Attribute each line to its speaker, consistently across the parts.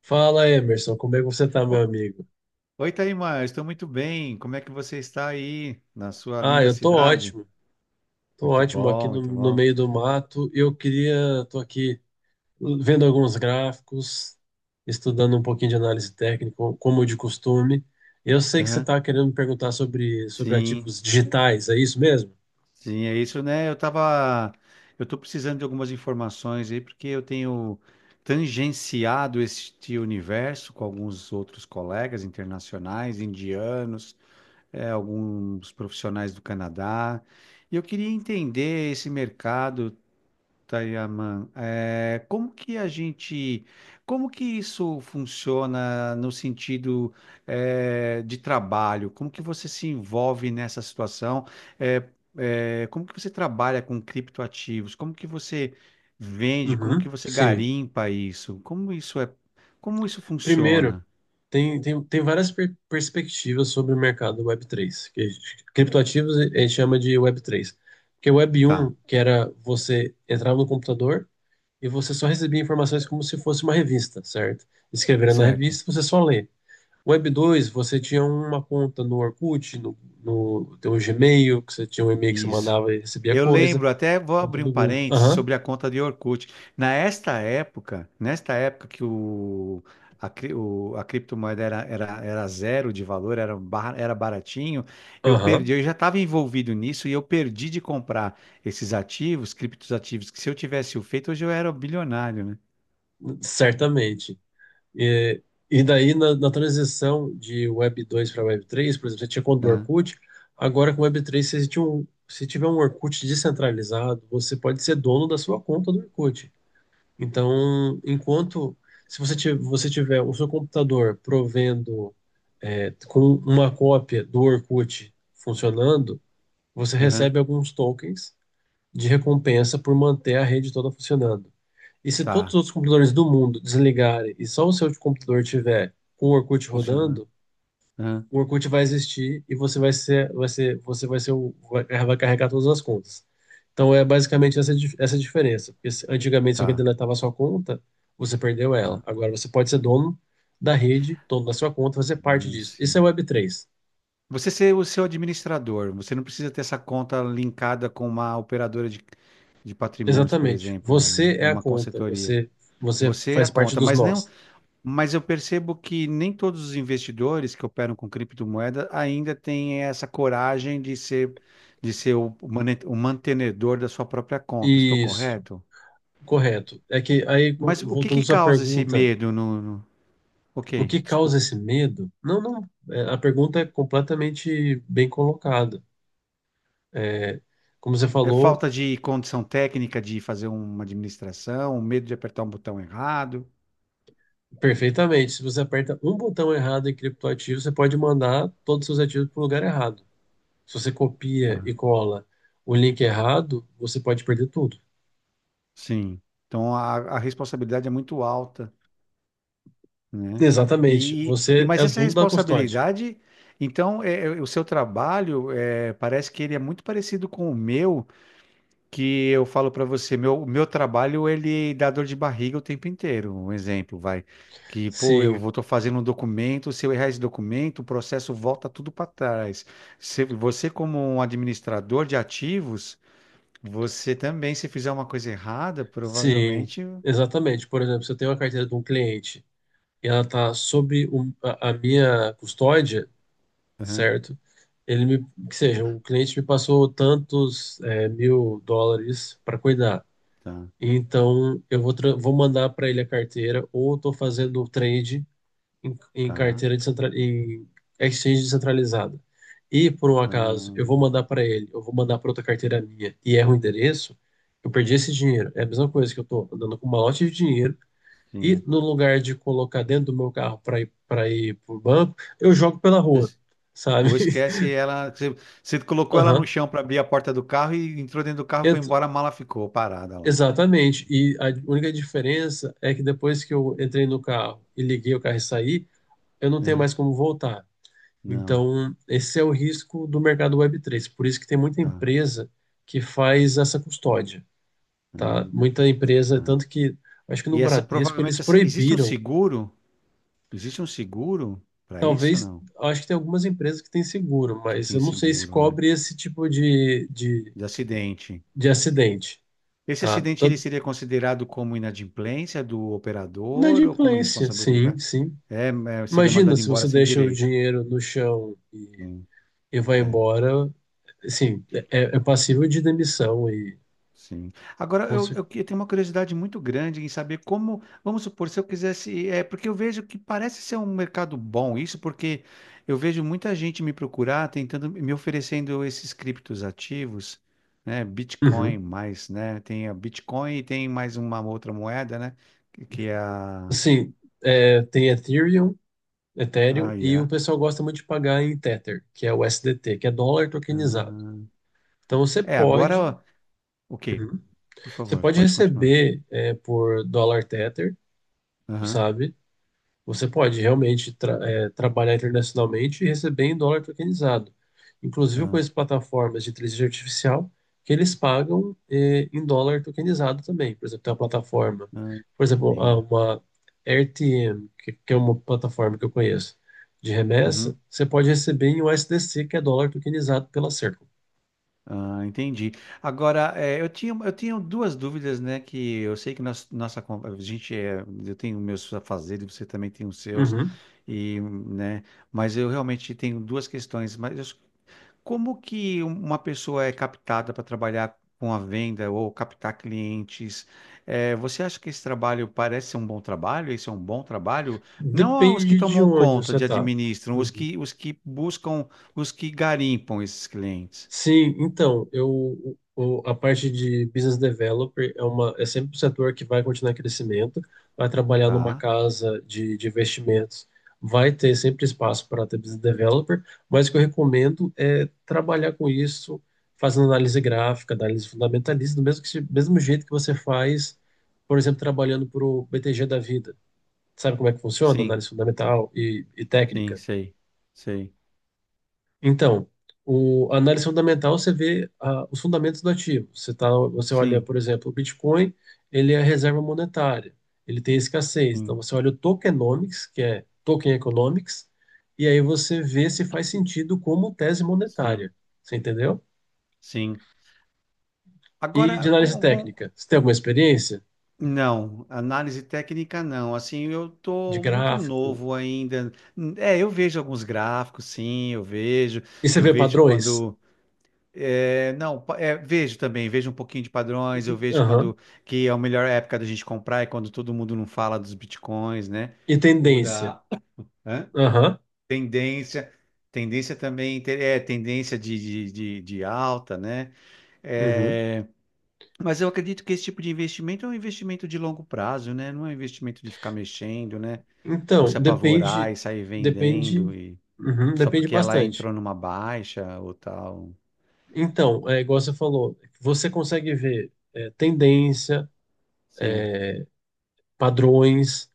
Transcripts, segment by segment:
Speaker 1: Fala, Emerson, como é que você tá, meu
Speaker 2: O-
Speaker 1: amigo?
Speaker 2: Oi, Taimar, estou muito bem. Como é que você está aí na sua
Speaker 1: Ah,
Speaker 2: linda
Speaker 1: eu tô
Speaker 2: cidade?
Speaker 1: ótimo. Tô
Speaker 2: Muito
Speaker 1: ótimo aqui
Speaker 2: bom,
Speaker 1: no,
Speaker 2: muito
Speaker 1: no
Speaker 2: bom.
Speaker 1: meio do mato. Tô aqui vendo alguns gráficos, estudando um pouquinho de análise técnica, como de costume. Eu sei que você
Speaker 2: Aham.
Speaker 1: tá querendo me perguntar sobre
Speaker 2: Sim,
Speaker 1: ativos digitais, é isso mesmo?
Speaker 2: sim, é isso, né? Eu tô precisando de algumas informações aí porque eu tenho tangenciado este universo com alguns outros colegas internacionais, indianos, alguns profissionais do Canadá. E eu queria entender esse mercado. Tayaman, é, como que a gente, como que isso funciona no sentido de trabalho? Como que você se envolve nessa situação? É, como que você trabalha com criptoativos? Como que você vende? Como que
Speaker 1: Uhum,
Speaker 2: você
Speaker 1: sim.
Speaker 2: garimpa isso? Como isso
Speaker 1: Primeiro,
Speaker 2: funciona?
Speaker 1: tem várias perspectivas sobre o mercado Web3, criptoativos a gente chama de Web3. Porque o
Speaker 2: Tá,
Speaker 1: Web1, que era você entrar no computador e você só recebia informações como se fosse uma revista, certo? Escreveram na
Speaker 2: certo.
Speaker 1: revista, você só lê. Web2, você tinha uma conta no Orkut, no teu Gmail, que você tinha um e-mail que você
Speaker 2: Isso.
Speaker 1: mandava e recebia
Speaker 2: Eu
Speaker 1: coisa.
Speaker 2: lembro, até vou
Speaker 1: Conta
Speaker 2: abrir um
Speaker 1: do Google.
Speaker 2: parênteses
Speaker 1: Aham,
Speaker 2: sobre a conta de Orkut. Nesta época que o, a, cri- o- a criptomoeda era zero de valor, era, era baratinho.
Speaker 1: aham,
Speaker 2: Eu já estava envolvido nisso e eu perdi de comprar esses ativos, criptos ativos, que se eu tivesse o feito, hoje eu era bilionário, né?
Speaker 1: certamente. E, e daí, na transição de Web2 para Web3, por exemplo, você tinha conta do
Speaker 2: Aham,
Speaker 1: Orkut, agora com Web3, você tinha um, se tiver um Orkut descentralizado, você pode ser dono da sua conta do Orkut. Então, enquanto se você tiver, você tiver o seu computador provendo com uma cópia do Orkut funcionando, você
Speaker 2: aham,
Speaker 1: recebe alguns tokens de recompensa por manter a rede toda funcionando. E se todos os
Speaker 2: tá,
Speaker 1: outros computadores do mundo desligarem e só o seu computador tiver com o Orkut
Speaker 2: funcionando.
Speaker 1: rodando,
Speaker 2: Aham,
Speaker 1: o Orkut vai existir e você você vai ser o, vai, vai carregar todas as contas. Então é basicamente essa, essa diferença. Porque antigamente, se alguém
Speaker 2: tá,
Speaker 1: deletava a sua conta, você perdeu ela.
Speaker 2: tá.
Speaker 1: Agora você pode ser dono da rede, dono da sua conta, fazer parte
Speaker 2: Ah,
Speaker 1: disso. Isso
Speaker 2: sim.
Speaker 1: é web3.
Speaker 2: Você ser o seu administrador, você não precisa ter essa conta linkada com uma operadora de patrimônios, por
Speaker 1: Exatamente.
Speaker 2: exemplo, né?
Speaker 1: Você
Speaker 2: Ou
Speaker 1: é a
Speaker 2: uma
Speaker 1: conta,
Speaker 2: consultoria.
Speaker 1: você, você
Speaker 2: Você é a
Speaker 1: faz parte
Speaker 2: conta,
Speaker 1: dos
Speaker 2: mas não,
Speaker 1: nós.
Speaker 2: Mas eu percebo que nem todos os investidores que operam com criptomoeda ainda têm essa coragem de ser o, o mantenedor da sua própria conta. Estou
Speaker 1: Isso,
Speaker 2: correto?
Speaker 1: correto. É que aí,
Speaker 2: Mas o que
Speaker 1: voltando
Speaker 2: que
Speaker 1: à sua
Speaker 2: causa esse
Speaker 1: pergunta,
Speaker 2: medo no?
Speaker 1: o
Speaker 2: Ok,
Speaker 1: que causa
Speaker 2: desculpa.
Speaker 1: esse medo? Não, não. A pergunta é completamente bem colocada. É, como você
Speaker 2: É
Speaker 1: falou
Speaker 2: falta de condição técnica de fazer uma administração, um medo de apertar um botão errado.
Speaker 1: perfeitamente, se você aperta um botão errado em criptoativo, você pode mandar todos os seus ativos para o lugar errado. Se você copia e
Speaker 2: Tá.
Speaker 1: cola o link errado, você pode perder tudo.
Speaker 2: Sim. Então a responsabilidade é muito alta, né?
Speaker 1: Exatamente.
Speaker 2: E, e
Speaker 1: Você é
Speaker 2: mas
Speaker 1: o
Speaker 2: essa
Speaker 1: dono da custódia.
Speaker 2: responsabilidade, então o seu trabalho é, parece que ele é muito parecido com o meu, que eu falo para você, meu trabalho ele dá dor de barriga o tempo inteiro. Um exemplo, vai. Que, pô, eu
Speaker 1: Sim,
Speaker 2: vou tô fazendo um documento, se eu errar esse documento, o processo volta tudo para trás. Se, você, como um administrador de ativos, você também, se fizer uma coisa errada,
Speaker 1: sim,
Speaker 2: provavelmente.
Speaker 1: exatamente. Por exemplo, se eu tenho uma carteira de um cliente e ela está sob a minha custódia,
Speaker 2: Aham,
Speaker 1: certo? Ele me, que seja, o cliente me passou tantos mil dólares para cuidar.
Speaker 2: tá,
Speaker 1: Então, vou mandar para ele a carteira, ou eu estou fazendo o trade em
Speaker 2: tá.
Speaker 1: em exchange descentralizada. E, por um acaso, eu vou
Speaker 2: Ahn,
Speaker 1: mandar para ele, eu vou mandar para outra carteira minha e erro o endereço, eu perdi esse dinheiro. É a mesma coisa que eu estou andando com um malote de dinheiro e,
Speaker 2: sim.
Speaker 1: no lugar de colocar dentro do meu carro para ir para o banco, eu jogo pela rua,
Speaker 2: Es-
Speaker 1: sabe?
Speaker 2: Ou esquece ela. Você, você colocou ela no
Speaker 1: Aham.
Speaker 2: chão para abrir a porta do carro e entrou dentro do carro, foi
Speaker 1: Ent-
Speaker 2: embora, a mala ficou parada lá.
Speaker 1: Exatamente. E a única diferença é que depois que eu entrei no carro e liguei o carro e saí, eu não tenho
Speaker 2: É,
Speaker 1: mais como voltar.
Speaker 2: não,
Speaker 1: Então, esse é o risco do mercado web3. Por isso que tem muita
Speaker 2: tá.
Speaker 1: empresa que faz essa custódia, tá?
Speaker 2: Hum,
Speaker 1: Muita empresa,
Speaker 2: tá.
Speaker 1: tanto que acho que no Bradesco eles
Speaker 2: Existe um
Speaker 1: proibiram.
Speaker 2: seguro? Existe um seguro para isso,
Speaker 1: Talvez,
Speaker 2: não?
Speaker 1: acho que tem algumas empresas que têm seguro,
Speaker 2: Que
Speaker 1: mas
Speaker 2: tem
Speaker 1: eu não sei se
Speaker 2: seguro, né?
Speaker 1: cobre esse tipo de, de,
Speaker 2: De acidente.
Speaker 1: de acidente,
Speaker 2: Esse
Speaker 1: tá?
Speaker 2: acidente ele
Speaker 1: Tanto,
Speaker 2: seria considerado como inadimplência do operador ou como
Speaker 1: inadimplência, sim,
Speaker 2: responsabilidade?
Speaker 1: sim.
Speaker 2: É, é, seria
Speaker 1: Imagina
Speaker 2: mandado
Speaker 1: se
Speaker 2: embora
Speaker 1: você
Speaker 2: sem
Speaker 1: deixa o
Speaker 2: direito.
Speaker 1: dinheiro no chão
Speaker 2: Né?
Speaker 1: e vai
Speaker 2: é.
Speaker 1: embora, assim, é, é passível de demissão e
Speaker 2: Sim. Agora, eu tenho uma curiosidade muito grande em saber como, vamos supor, se eu quisesse, é, porque eu vejo que parece ser um mercado bom isso, porque eu vejo muita gente me procurar, tentando, me oferecendo esses criptos ativos, né, Bitcoin
Speaker 1: Uhum.
Speaker 2: mais, né, tem a Bitcoin e tem mais uma outra moeda, né, que é a,
Speaker 1: Sim, tem Ethereum,
Speaker 2: ah,
Speaker 1: Ethereum, e o
Speaker 2: yeah.
Speaker 1: pessoal gosta muito de pagar em Tether, que é o S D T que é dólar tokenizado.
Speaker 2: Ah,
Speaker 1: Então você
Speaker 2: é,
Speaker 1: pode,
Speaker 2: agora, ok,
Speaker 1: Uhum.
Speaker 2: por
Speaker 1: Você
Speaker 2: favor,
Speaker 1: pode
Speaker 2: pode continuar.
Speaker 1: receber por dólar Tether,
Speaker 2: Aham,
Speaker 1: sabe? Você pode realmente trabalhar internacionalmente e receber em dólar tokenizado. Inclusive, eu
Speaker 2: tá,
Speaker 1: conheço plataformas de inteligência artificial que eles pagam em dólar tokenizado também. Por exemplo, tem uma plataforma,
Speaker 2: ah,
Speaker 1: por exemplo,
Speaker 2: entendo.
Speaker 1: uma RTM, que é uma plataforma que eu conheço de remessa,
Speaker 2: Uhum.
Speaker 1: você pode receber em USDC, que é dólar tokenizado pela Circle.
Speaker 2: Ah, entendi. Agora, eu tinha duas dúvidas, né? Que eu sei que nós, nossa, a gente é, eu tenho meus afazeres, você também tem os seus,
Speaker 1: Uhum.
Speaker 2: e, né? Mas eu realmente tenho duas questões. Como que uma pessoa é captada para trabalhar com a venda ou captar clientes? Você acha que esse trabalho parece ser um bom trabalho? Esse é um bom trabalho? Não os que
Speaker 1: Depende de
Speaker 2: tomam
Speaker 1: onde
Speaker 2: conta
Speaker 1: você
Speaker 2: de
Speaker 1: está.
Speaker 2: administram, os que buscam, os que garimpam esses clientes,
Speaker 1: Sim, então, eu, a parte de business developer é sempre um setor que vai continuar em crescimento, vai trabalhar numa
Speaker 2: tá?
Speaker 1: casa de investimentos, vai ter sempre espaço para ter business developer, mas o que eu recomendo é trabalhar com isso, fazendo análise gráfica, análise fundamentalista, do mesmo, que, se- mesmo jeito que você faz, por exemplo, trabalhando para o BTG da vida. Sabe como é que funciona?
Speaker 2: Sim,
Speaker 1: Análise fundamental e
Speaker 2: sim,
Speaker 1: técnica.
Speaker 2: sei, sei.
Speaker 1: Então, o, a análise fundamental você vê os fundamentos do ativo. Você olha,
Speaker 2: Sim,
Speaker 1: por exemplo, o Bitcoin, ele é a reserva monetária, ele tem escassez. Então,
Speaker 2: sim,
Speaker 1: você olha o tokenomics, que é token economics, e aí você vê se faz sentido como tese
Speaker 2: sim,
Speaker 1: monetária. Você entendeu?
Speaker 2: sim.
Speaker 1: E de
Speaker 2: Agora,
Speaker 1: análise
Speaker 2: com...
Speaker 1: técnica, você tem alguma experiência
Speaker 2: Não, análise técnica não. Assim, eu
Speaker 1: de
Speaker 2: tô muito
Speaker 1: gráfico?
Speaker 2: novo ainda. É, eu vejo alguns gráficos, sim, eu vejo.
Speaker 1: E você
Speaker 2: Eu
Speaker 1: vê
Speaker 2: vejo
Speaker 1: padrões?
Speaker 2: quando... é, não, pa- é, vejo também, vejo um pouquinho de padrões, eu vejo
Speaker 1: Aham.
Speaker 2: quando que é a melhor época da gente comprar é quando todo mundo não fala dos bitcoins, né?
Speaker 1: E
Speaker 2: Ou
Speaker 1: tendência?
Speaker 2: da... Hã?
Speaker 1: Aham.
Speaker 2: Tendência, tendência também, tendência de alta, né?
Speaker 1: Uhum.
Speaker 2: É, mas eu acredito que esse tipo de investimento é um investimento de longo prazo, né? Não é um investimento de ficar mexendo, né? Ou
Speaker 1: Então,
Speaker 2: se apavorar e sair
Speaker 1: depende,
Speaker 2: vendendo e
Speaker 1: uhum,
Speaker 2: só
Speaker 1: depende
Speaker 2: porque ela
Speaker 1: bastante.
Speaker 2: entrou numa baixa ou tal.
Speaker 1: Então, é igual você falou, você consegue ver tendência,
Speaker 2: Sim,
Speaker 1: padrões.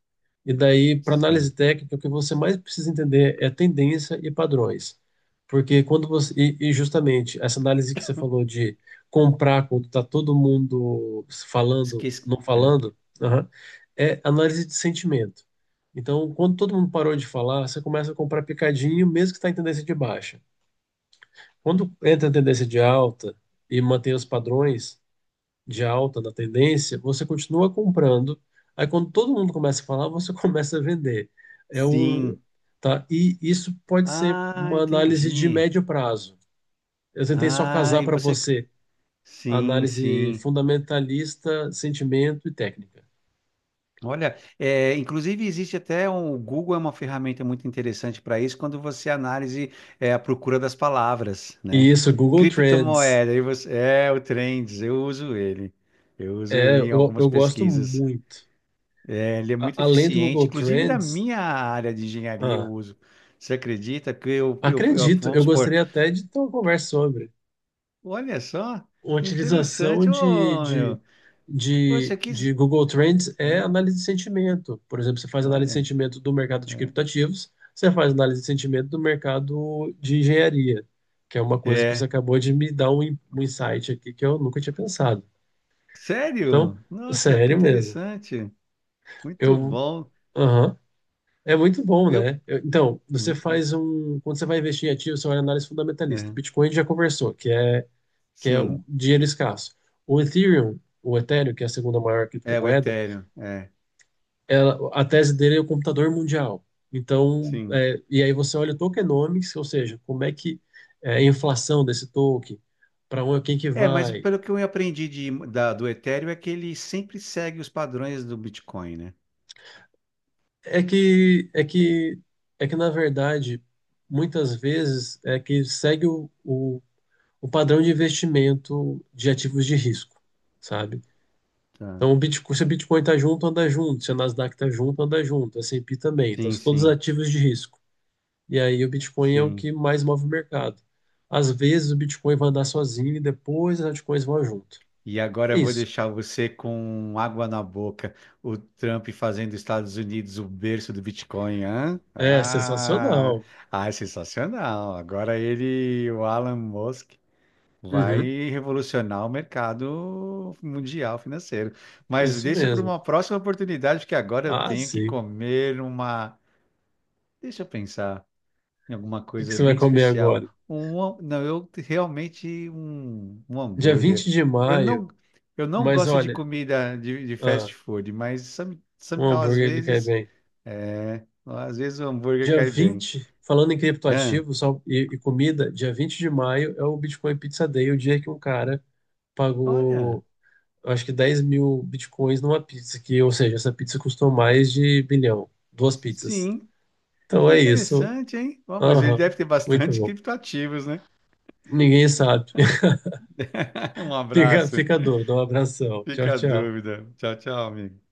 Speaker 1: E daí, para análise
Speaker 2: sim.
Speaker 1: técnica, o que você mais precisa entender é tendência e padrões. Porque quando você. E justamente essa análise que você falou de comprar quando está todo mundo falando,
Speaker 2: Esqueci.
Speaker 1: não
Speaker 2: É.
Speaker 1: falando, aham, é análise de sentimento. Então, quando todo mundo parou de falar, você começa a comprar picadinho, mesmo que está em tendência de baixa. Quando entra em tendência de alta e mantém os padrões, de alta da tendência, você continua comprando. Aí quando todo mundo começa a falar, você começa a vender. É um,
Speaker 2: Sim.
Speaker 1: tá? E isso pode ser
Speaker 2: Ah,
Speaker 1: uma análise de
Speaker 2: entendi.
Speaker 1: médio prazo. Eu tentei só
Speaker 2: Ah,
Speaker 1: casar
Speaker 2: e
Speaker 1: para
Speaker 2: você.
Speaker 1: você a
Speaker 2: Sim,
Speaker 1: análise
Speaker 2: sim.
Speaker 1: fundamentalista, sentimento e técnica.
Speaker 2: Olha, é, inclusive existe até um, o Google é uma ferramenta muito interessante para isso quando você analise é, a procura das palavras, né?
Speaker 1: E isso, Google Trends,
Speaker 2: Criptomoeda, aí você, é o Trends, eu uso ele. Eu uso ele em
Speaker 1: eu,
Speaker 2: algumas
Speaker 1: eu gosto
Speaker 2: pesquisas.
Speaker 1: muito.
Speaker 2: É, ele é muito
Speaker 1: Além do
Speaker 2: eficiente,
Speaker 1: Google
Speaker 2: inclusive na
Speaker 1: Trends,
Speaker 2: minha área de engenharia eu
Speaker 1: ah,
Speaker 2: uso. Você acredita que
Speaker 1: acredito, eu
Speaker 2: vamos supor,
Speaker 1: gostaria até de ter uma conversa sobre.
Speaker 2: olha só,
Speaker 1: Utilização
Speaker 2: interessante,
Speaker 1: de,
Speaker 2: ô
Speaker 1: de,
Speaker 2: meu. Poxa,
Speaker 1: de,
Speaker 2: que.
Speaker 1: de Google Trends é
Speaker 2: É,
Speaker 1: análise de sentimento. Por exemplo, você faz análise de
Speaker 2: olha.
Speaker 1: sentimento do mercado de criptativos, você faz análise de sentimento do mercado de engenharia, que é uma coisa que você
Speaker 2: É.
Speaker 1: acabou de me dar um insight aqui que eu nunca tinha pensado. Então,
Speaker 2: Sério? Nossa, que
Speaker 1: sério mesmo.
Speaker 2: interessante. Muito
Speaker 1: Eu,
Speaker 2: bom.
Speaker 1: aham. É muito bom,
Speaker 2: Eu,
Speaker 1: né? Eu- Então, você
Speaker 2: muito.
Speaker 1: faz um. Quando você vai investir em ativos, você olha a análise fundamentalista.
Speaker 2: É,
Speaker 1: Bitcoin já conversou, que é
Speaker 2: sim.
Speaker 1: o dinheiro escasso. O Ethereum, que é a segunda maior
Speaker 2: É, o
Speaker 1: criptomoeda,
Speaker 2: Ethereum. É,
Speaker 1: ela, a tese dele é o computador mundial. Então,
Speaker 2: sim.
Speaker 1: e aí você olha o tokenomics, ou seja, como é que é a inflação desse token, para onde quem que
Speaker 2: É, mas
Speaker 1: vai.
Speaker 2: pelo que eu aprendi do Ethereum é que ele sempre segue os padrões do Bitcoin, né?
Speaker 1: É que é que é que na verdade muitas vezes é que segue o padrão de investimento de ativos de risco, sabe?
Speaker 2: Tá.
Speaker 1: Então, o Bitcoin, se o Bitcoin está junto, anda junto. Se a Nasdaq está junto, anda junto. A S&P também. Então,
Speaker 2: Sim,
Speaker 1: são todos
Speaker 2: sim,
Speaker 1: ativos de risco. E aí, o Bitcoin é o
Speaker 2: sim.
Speaker 1: que mais move o mercado. Às vezes, o Bitcoin vai andar sozinho e depois as altcoins vão junto.
Speaker 2: E agora
Speaker 1: É
Speaker 2: eu vou
Speaker 1: isso.
Speaker 2: deixar você com água na boca. O Trump fazendo Estados Unidos o berço do Bitcoin, hã?
Speaker 1: É
Speaker 2: Ah,
Speaker 1: sensacional.
Speaker 2: ah, é sensacional. Agora ele, o Alan Musk, vai
Speaker 1: Uhum,
Speaker 2: revolucionar o mercado mundial financeiro. Mas
Speaker 1: isso
Speaker 2: deixa para
Speaker 1: mesmo.
Speaker 2: uma próxima oportunidade, porque agora eu
Speaker 1: Ah,
Speaker 2: tenho que
Speaker 1: sim. O
Speaker 2: comer uma. Deixa eu pensar em alguma
Speaker 1: que que
Speaker 2: coisa
Speaker 1: você vai
Speaker 2: bem
Speaker 1: comer
Speaker 2: especial.
Speaker 1: agora?
Speaker 2: Um, não, eu realmente um, um
Speaker 1: Dia
Speaker 2: hambúrguer.
Speaker 1: 20 de
Speaker 2: Eu
Speaker 1: maio,
Speaker 2: não, eu não
Speaker 1: mas
Speaker 2: gosto de
Speaker 1: olha,
Speaker 2: comida de
Speaker 1: ah,
Speaker 2: fast food, mas
Speaker 1: um
Speaker 2: às
Speaker 1: hambúrguer ele cai
Speaker 2: vezes,
Speaker 1: bem.
Speaker 2: é, às vezes o hambúrguer
Speaker 1: Dia
Speaker 2: cai bem.
Speaker 1: 20, falando em
Speaker 2: Ah,
Speaker 1: criptoativos e comida, dia 20 de maio é o Bitcoin Pizza Day, o dia que um cara
Speaker 2: olha,
Speaker 1: pagou, eu acho que 10.000 bitcoins numa pizza, que, ou seja, essa pizza custou mais de bilhão, duas pizzas.
Speaker 2: sim.
Speaker 1: Então
Speaker 2: Que
Speaker 1: é isso.
Speaker 2: interessante, hein? Ó, mas ele
Speaker 1: Aham,
Speaker 2: deve ter
Speaker 1: muito
Speaker 2: bastante
Speaker 1: bom.
Speaker 2: criptoativos, né?
Speaker 1: Ninguém sabe.
Speaker 2: Um
Speaker 1: Fica,
Speaker 2: abraço.
Speaker 1: fica a dúvida. Um abração. Tchau,
Speaker 2: Fica a
Speaker 1: tchau.
Speaker 2: dúvida. Tchau, tchau, amigo.